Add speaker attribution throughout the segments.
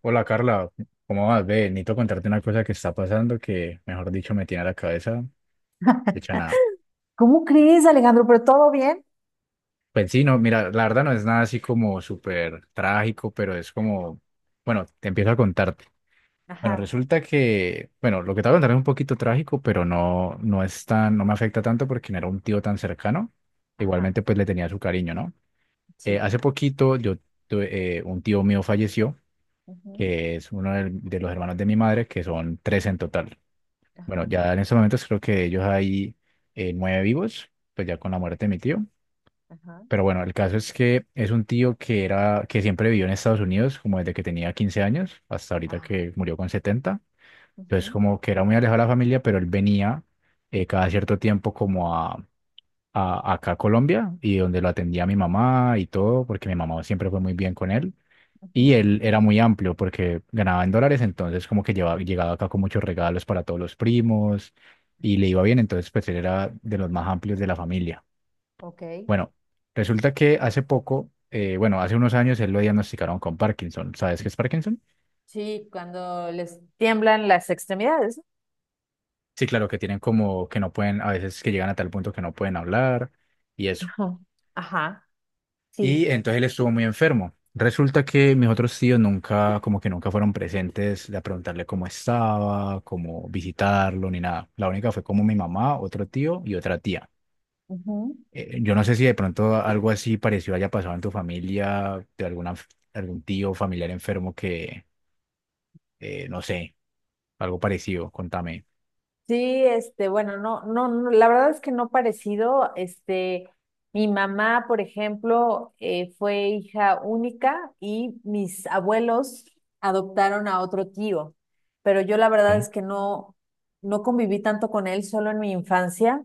Speaker 1: Hola Carla, ¿cómo vas? Ve, necesito contarte una cosa que está pasando que, mejor dicho, me tiene la cabeza hecha nada.
Speaker 2: ¿Cómo crees, Alejandro? ¿Pero todo bien?
Speaker 1: Pues sí, no, mira, la verdad no es nada así como súper trágico, pero es como, bueno, te empiezo a contarte. Bueno,
Speaker 2: Ajá,
Speaker 1: resulta que, bueno, lo que te voy a contar es un poquito trágico, pero no, no es tan, no me afecta tanto porque no era un tío tan cercano.
Speaker 2: ajá,
Speaker 1: Igualmente, pues le tenía su cariño, ¿no?
Speaker 2: sí.
Speaker 1: Hace poquito yo tuve, un tío mío falleció,
Speaker 2: Ujú,
Speaker 1: que es uno de los hermanos de mi madre, que son tres en total. Bueno,
Speaker 2: ajá,
Speaker 1: ya en ese momento creo que ellos hay nueve vivos, pues ya con la muerte de mi tío.
Speaker 2: ajá,
Speaker 1: Pero bueno, el caso es que es un tío que era, que siempre vivió en Estados Unidos, como desde que tenía 15 años hasta ahorita
Speaker 2: ajá,
Speaker 1: que murió con 70. Entonces,
Speaker 2: ujú,
Speaker 1: como que era muy alejado de la familia, pero él venía cada cierto tiempo como a acá a Colombia y donde lo atendía mi mamá y todo, porque mi mamá siempre fue muy bien con él.
Speaker 2: ujú.
Speaker 1: Y él era muy amplio porque ganaba en dólares, entonces como que llevaba, llegaba acá con muchos regalos para todos los primos y le iba bien, entonces pues él era de los más amplios de la familia.
Speaker 2: Ok.
Speaker 1: Bueno, resulta que hace poco, bueno, hace unos años él lo diagnosticaron con Parkinson. ¿Sabes qué es Parkinson?
Speaker 2: Sí, cuando les tiemblan las extremidades.
Speaker 1: Sí, claro, que tienen como que no pueden, a veces que llegan a tal punto que no pueden hablar y es.
Speaker 2: ¿No? Ajá, ajá,
Speaker 1: Y
Speaker 2: sí.
Speaker 1: entonces él estuvo muy enfermo. Resulta que mis otros tíos nunca, como que nunca fueron presentes de preguntarle cómo estaba, cómo visitarlo, ni nada. La única fue como mi mamá, otro tío y otra tía. Yo no sé si de pronto algo así parecido haya pasado en tu familia, de alguna, algún tío familiar enfermo que, no sé, algo parecido, contame.
Speaker 2: Sí, bueno, no, la verdad es que no parecido. Mi mamá, por ejemplo, fue hija única y mis abuelos adoptaron a otro tío, pero yo la verdad
Speaker 1: Ok.
Speaker 2: es que no, no conviví tanto con él, solo en mi infancia.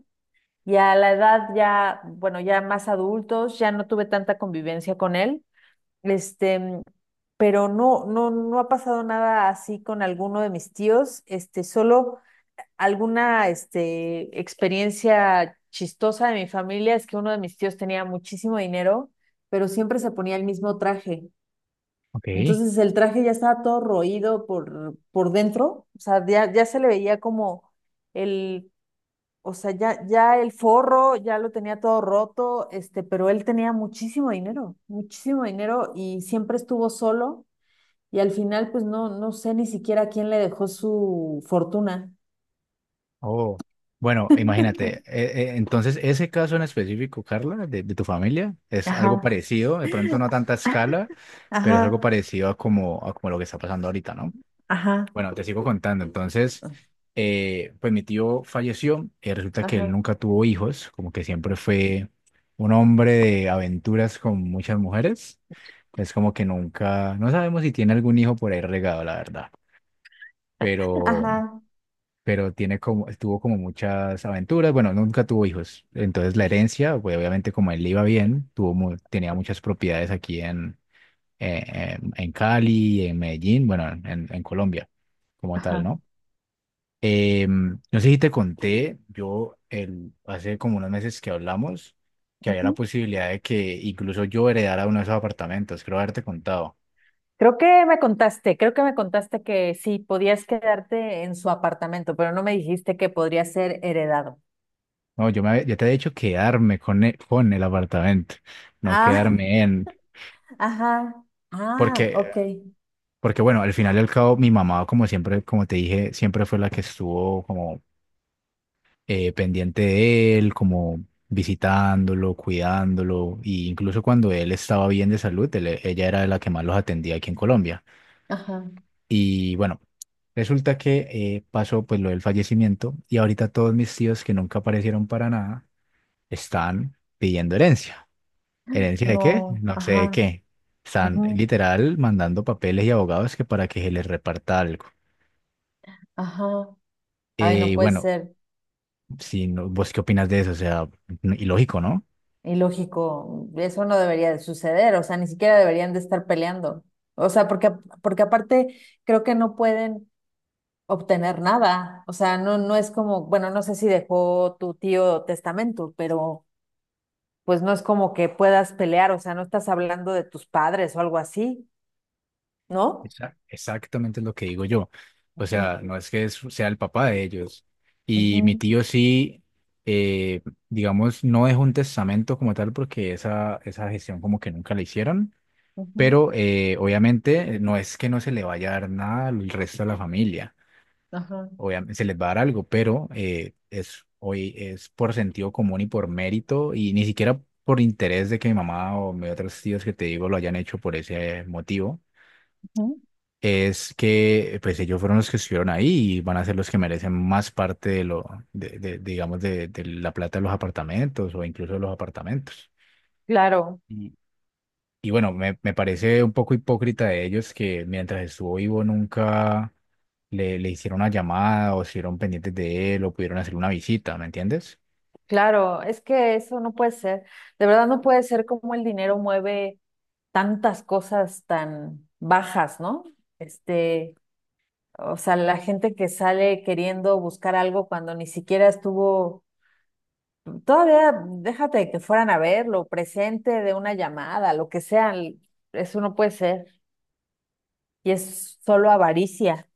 Speaker 2: Y a la edad ya, bueno, ya más adultos, ya no tuve tanta convivencia con él. Este, pero no ha pasado nada así con alguno de mis tíos. Solo alguna experiencia chistosa de mi familia es que uno de mis tíos tenía muchísimo dinero, pero siempre se ponía el mismo traje.
Speaker 1: Ok.
Speaker 2: Entonces el traje ya estaba todo roído por dentro, o sea, ya se le veía como el, o sea, ya el forro, ya lo tenía todo roto, pero él tenía muchísimo dinero y siempre estuvo solo y al final pues no, no sé ni siquiera quién le dejó su fortuna.
Speaker 1: Oh, bueno, imagínate, entonces ese caso en específico, Carla, de tu familia, es algo
Speaker 2: Ajá.
Speaker 1: parecido, de pronto no a tanta escala, pero es algo
Speaker 2: Ajá,
Speaker 1: parecido a como lo que está pasando ahorita, ¿no?
Speaker 2: ajá,
Speaker 1: Bueno, te sigo contando, entonces, pues mi tío falleció, resulta que él
Speaker 2: ajá,
Speaker 1: nunca tuvo hijos, como que siempre fue un hombre de aventuras con muchas mujeres, es como que nunca, no sabemos si tiene algún hijo por ahí regado, la verdad. Pero
Speaker 2: ajá,
Speaker 1: pero tiene como, tuvo como muchas aventuras, bueno, nunca tuvo hijos, entonces la herencia, pues obviamente como él le iba bien, tuvo, tenía muchas propiedades aquí eh, en Cali, en Medellín, bueno, en Colombia como tal,
Speaker 2: ajá.
Speaker 1: ¿no? No sé si te conté, yo el, hace como unos meses que hablamos, que había la
Speaker 2: Ujú.
Speaker 1: posibilidad de que incluso yo heredara uno de esos apartamentos, creo haberte contado.
Speaker 2: Creo que me contaste, creo que me contaste que sí, podías quedarte en su apartamento, pero no me dijiste que podría ser heredado.
Speaker 1: No, yo te he dicho quedarme con el apartamento, no
Speaker 2: Ah,
Speaker 1: quedarme en...
Speaker 2: ajá, ah,
Speaker 1: Porque
Speaker 2: ok,
Speaker 1: Porque bueno, al final y al cabo, mi mamá, como siempre, como te dije, siempre fue la que estuvo como pendiente de él, como visitándolo, cuidándolo, y incluso cuando él estaba bien de salud, ella era la que más los atendía aquí en Colombia.
Speaker 2: ajá,
Speaker 1: Y bueno, resulta que pasó pues lo del fallecimiento y ahorita todos mis tíos que nunca aparecieron para nada están pidiendo herencia. ¿Herencia de qué?
Speaker 2: no,
Speaker 1: No sé de
Speaker 2: ajá,
Speaker 1: qué. Están
Speaker 2: ujú,
Speaker 1: literal mandando papeles y abogados que para que se les reparta algo.
Speaker 2: ajá, ay, no
Speaker 1: Y
Speaker 2: puede
Speaker 1: bueno,
Speaker 2: ser
Speaker 1: sí, no, ¿vos qué opinas de eso? O sea, ilógico, ¿no?
Speaker 2: ilógico. Eso no debería de suceder. O sea, ni siquiera deberían de estar peleando. O sea, porque aparte creo que no pueden obtener nada. O sea, no, no es como, bueno, no sé si dejó tu tío testamento, pero pues no es como que puedas pelear, o sea, no estás hablando de tus padres o algo así, ¿no?
Speaker 1: Exacto. Exactamente es lo que digo yo. O
Speaker 2: Ujú,
Speaker 1: sea, no es que sea el papá de ellos. Y mi
Speaker 2: ujú,
Speaker 1: tío sí, eh, digamos, no dejó un testamento como tal porque esa gestión como que nunca la hicieron,
Speaker 2: ujú,
Speaker 1: pero obviamente no es que no se le vaya a dar nada al resto de la familia.
Speaker 2: ajá.
Speaker 1: Obviamente se les va a dar algo, pero hoy es por sentido común y por mérito y ni siquiera por interés de que mi mamá o mis otros tíos que te digo lo hayan hecho por ese motivo.
Speaker 2: Ujú.
Speaker 1: Es que pues ellos fueron los que estuvieron ahí y van a ser los que merecen más parte de lo, de, digamos, de la plata de los apartamentos o incluso de los apartamentos.
Speaker 2: Claro,
Speaker 1: Y, y bueno, me parece un poco hipócrita de ellos que mientras estuvo vivo nunca le hicieron una llamada o estuvieron pendientes de él o pudieron hacer una visita, ¿me entiendes?
Speaker 2: claro, es que eso no puede ser, de verdad no puede ser como el dinero mueve tantas cosas tan bajas, ¿no? Este, o sea, la gente que sale queriendo buscar algo cuando ni siquiera estuvo. Todavía déjate que fueran a verlo, presente de una llamada, lo que sea, eso no puede ser. Y es solo avaricia.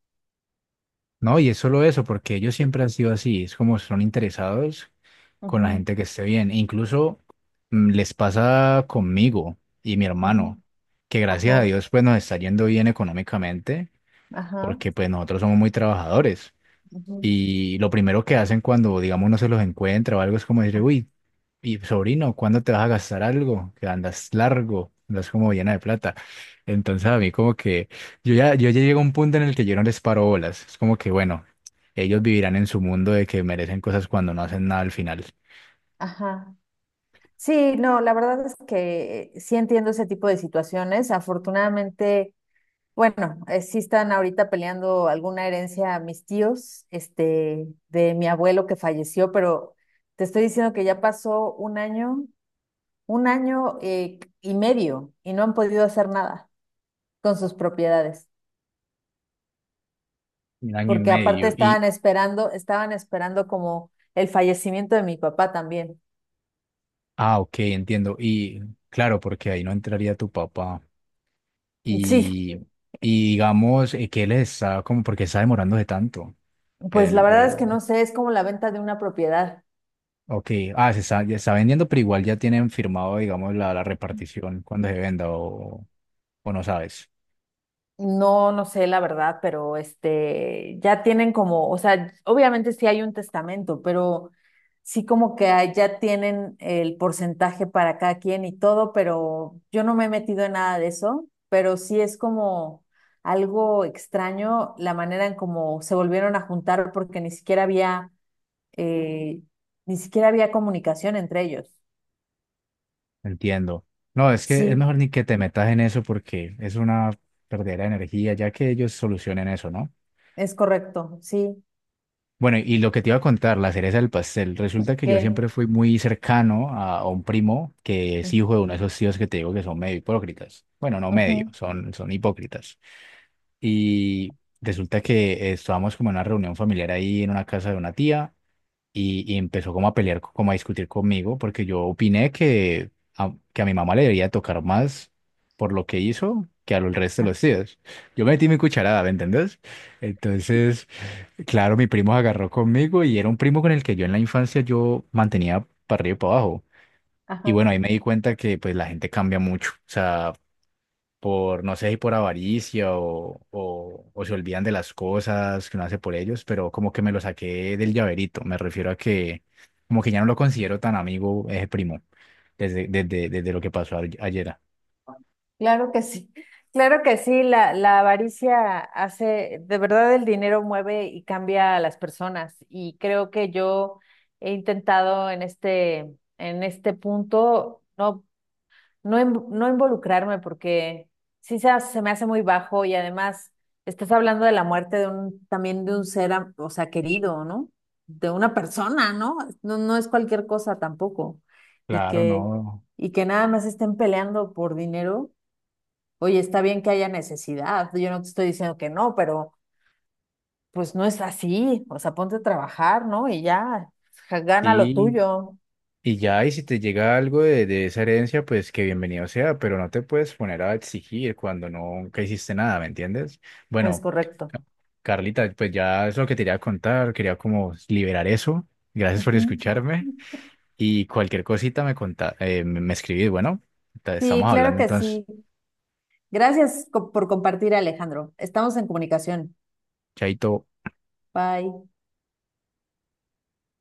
Speaker 1: No, y es solo eso, porque ellos siempre han sido así, es como son interesados con la
Speaker 2: Ujú,
Speaker 1: gente que esté bien. E incluso les pasa conmigo y mi
Speaker 2: ujú,
Speaker 1: hermano, que gracias a
Speaker 2: ajá,
Speaker 1: Dios pues nos está yendo bien económicamente,
Speaker 2: ajá,
Speaker 1: porque pues nosotros somos muy trabajadores.
Speaker 2: ujú,
Speaker 1: Y lo primero que hacen cuando, digamos, no se los encuentra o algo es como decir,
Speaker 2: ajá,
Speaker 1: uy, y sobrino, ¿cuándo te vas a gastar algo? Que andas largo, andas como llena de plata. Entonces a mí como que yo ya llego a un punto en el que yo no les paro bolas. Es como que bueno, ellos vivirán en su mundo de que merecen cosas cuando no hacen nada al final.
Speaker 2: ajá. Sí, no, la verdad es que sí entiendo ese tipo de situaciones. Afortunadamente, bueno, sí están ahorita peleando alguna herencia a mis tíos, de mi abuelo que falleció, pero te estoy diciendo que ya pasó un año y medio y no han podido hacer nada con sus propiedades,
Speaker 1: Un año y
Speaker 2: porque aparte
Speaker 1: medio. Y,
Speaker 2: estaban esperando como el fallecimiento de mi papá también.
Speaker 1: ah, ok, entiendo. Y claro, porque ahí no entraría tu papá.
Speaker 2: Sí,
Speaker 1: Y, y digamos, que él está como porque está demorándose tanto?
Speaker 2: pues la
Speaker 1: El,
Speaker 2: verdad
Speaker 1: el-
Speaker 2: es que no sé, es como la venta de una propiedad.
Speaker 1: Ok, ah, se está, ya está vendiendo, pero igual ya tienen firmado, digamos, la repartición cuando se venda o no sabes.
Speaker 2: No, no sé la verdad, pero ya tienen como, o sea, obviamente sí hay un testamento, pero sí como que ya tienen el porcentaje para cada quien y todo, pero yo no me he metido en nada de eso, pero sí es como algo extraño la manera en cómo se volvieron a juntar porque ni siquiera había, eh, ni siquiera había comunicación entre ellos.
Speaker 1: Entiendo. No, es que es
Speaker 2: Sí,
Speaker 1: mejor ni que te metas en eso porque es una perdera de energía, ya que ellos solucionen eso, ¿no?
Speaker 2: es correcto, sí,
Speaker 1: Bueno, y lo que te iba a contar, la cereza del pastel. Resulta que yo
Speaker 2: que,
Speaker 1: siempre fui muy cercano a un primo que es hijo de uno de esos tíos que te digo que son medio hipócritas. Bueno, no medio,
Speaker 2: ujú,
Speaker 1: son, son hipócritas. Y resulta que estábamos como en una reunión familiar ahí en una casa de una tía. Y empezó como a pelear, como a discutir conmigo, porque yo opiné que que a mi mamá le debería tocar más por lo que hizo que a los resto de los tíos. Yo metí mi cucharada, ¿me entendés? Entonces, claro, mi primo se agarró conmigo y era un primo con el que yo en la infancia yo mantenía para arriba y para abajo. Y
Speaker 2: ajá.
Speaker 1: bueno, ahí me di cuenta que pues la gente cambia mucho. O sea, por, no sé si por avaricia o se olvidan de las cosas que uno hace por ellos, pero como que me lo saqué del llaverito. Me refiero a que como que ya no lo considero tan amigo ese primo desde lo que pasó ayer.
Speaker 2: Claro que sí, claro que sí, la avaricia hace, de verdad el dinero mueve y cambia a las personas y creo que yo he intentado en en este punto no involucrarme porque se me hace muy bajo y además estás hablando de la muerte de un, también de un o sea, querido, ¿no? De una persona, ¿no? No, no es cualquier cosa tampoco y
Speaker 1: Claro,
Speaker 2: que,
Speaker 1: no.
Speaker 2: y que nada más estén peleando por dinero. Oye, está bien que haya necesidad, yo no te estoy diciendo que no, pero pues no es así, o sea, ponte a trabajar, ¿no? Y ya, gana lo
Speaker 1: Sí,
Speaker 2: tuyo,
Speaker 1: y ya, y si te llega algo de esa herencia, pues que bienvenido sea, pero no te puedes poner a exigir cuando nunca hiciste nada, ¿me entiendes?
Speaker 2: es
Speaker 1: Bueno,
Speaker 2: correcto.
Speaker 1: Ca- Carlita, pues ya es lo que te quería contar, quería como liberar eso. Gracias por
Speaker 2: Ujú.
Speaker 1: escucharme. Y cualquier cosita me conta, me escribís. Bueno,
Speaker 2: Sí,
Speaker 1: estamos
Speaker 2: claro
Speaker 1: hablando
Speaker 2: que
Speaker 1: entonces.
Speaker 2: sí. Gracias por compartir, Alejandro. Estamos en comunicación.
Speaker 1: Chaito.
Speaker 2: Bye.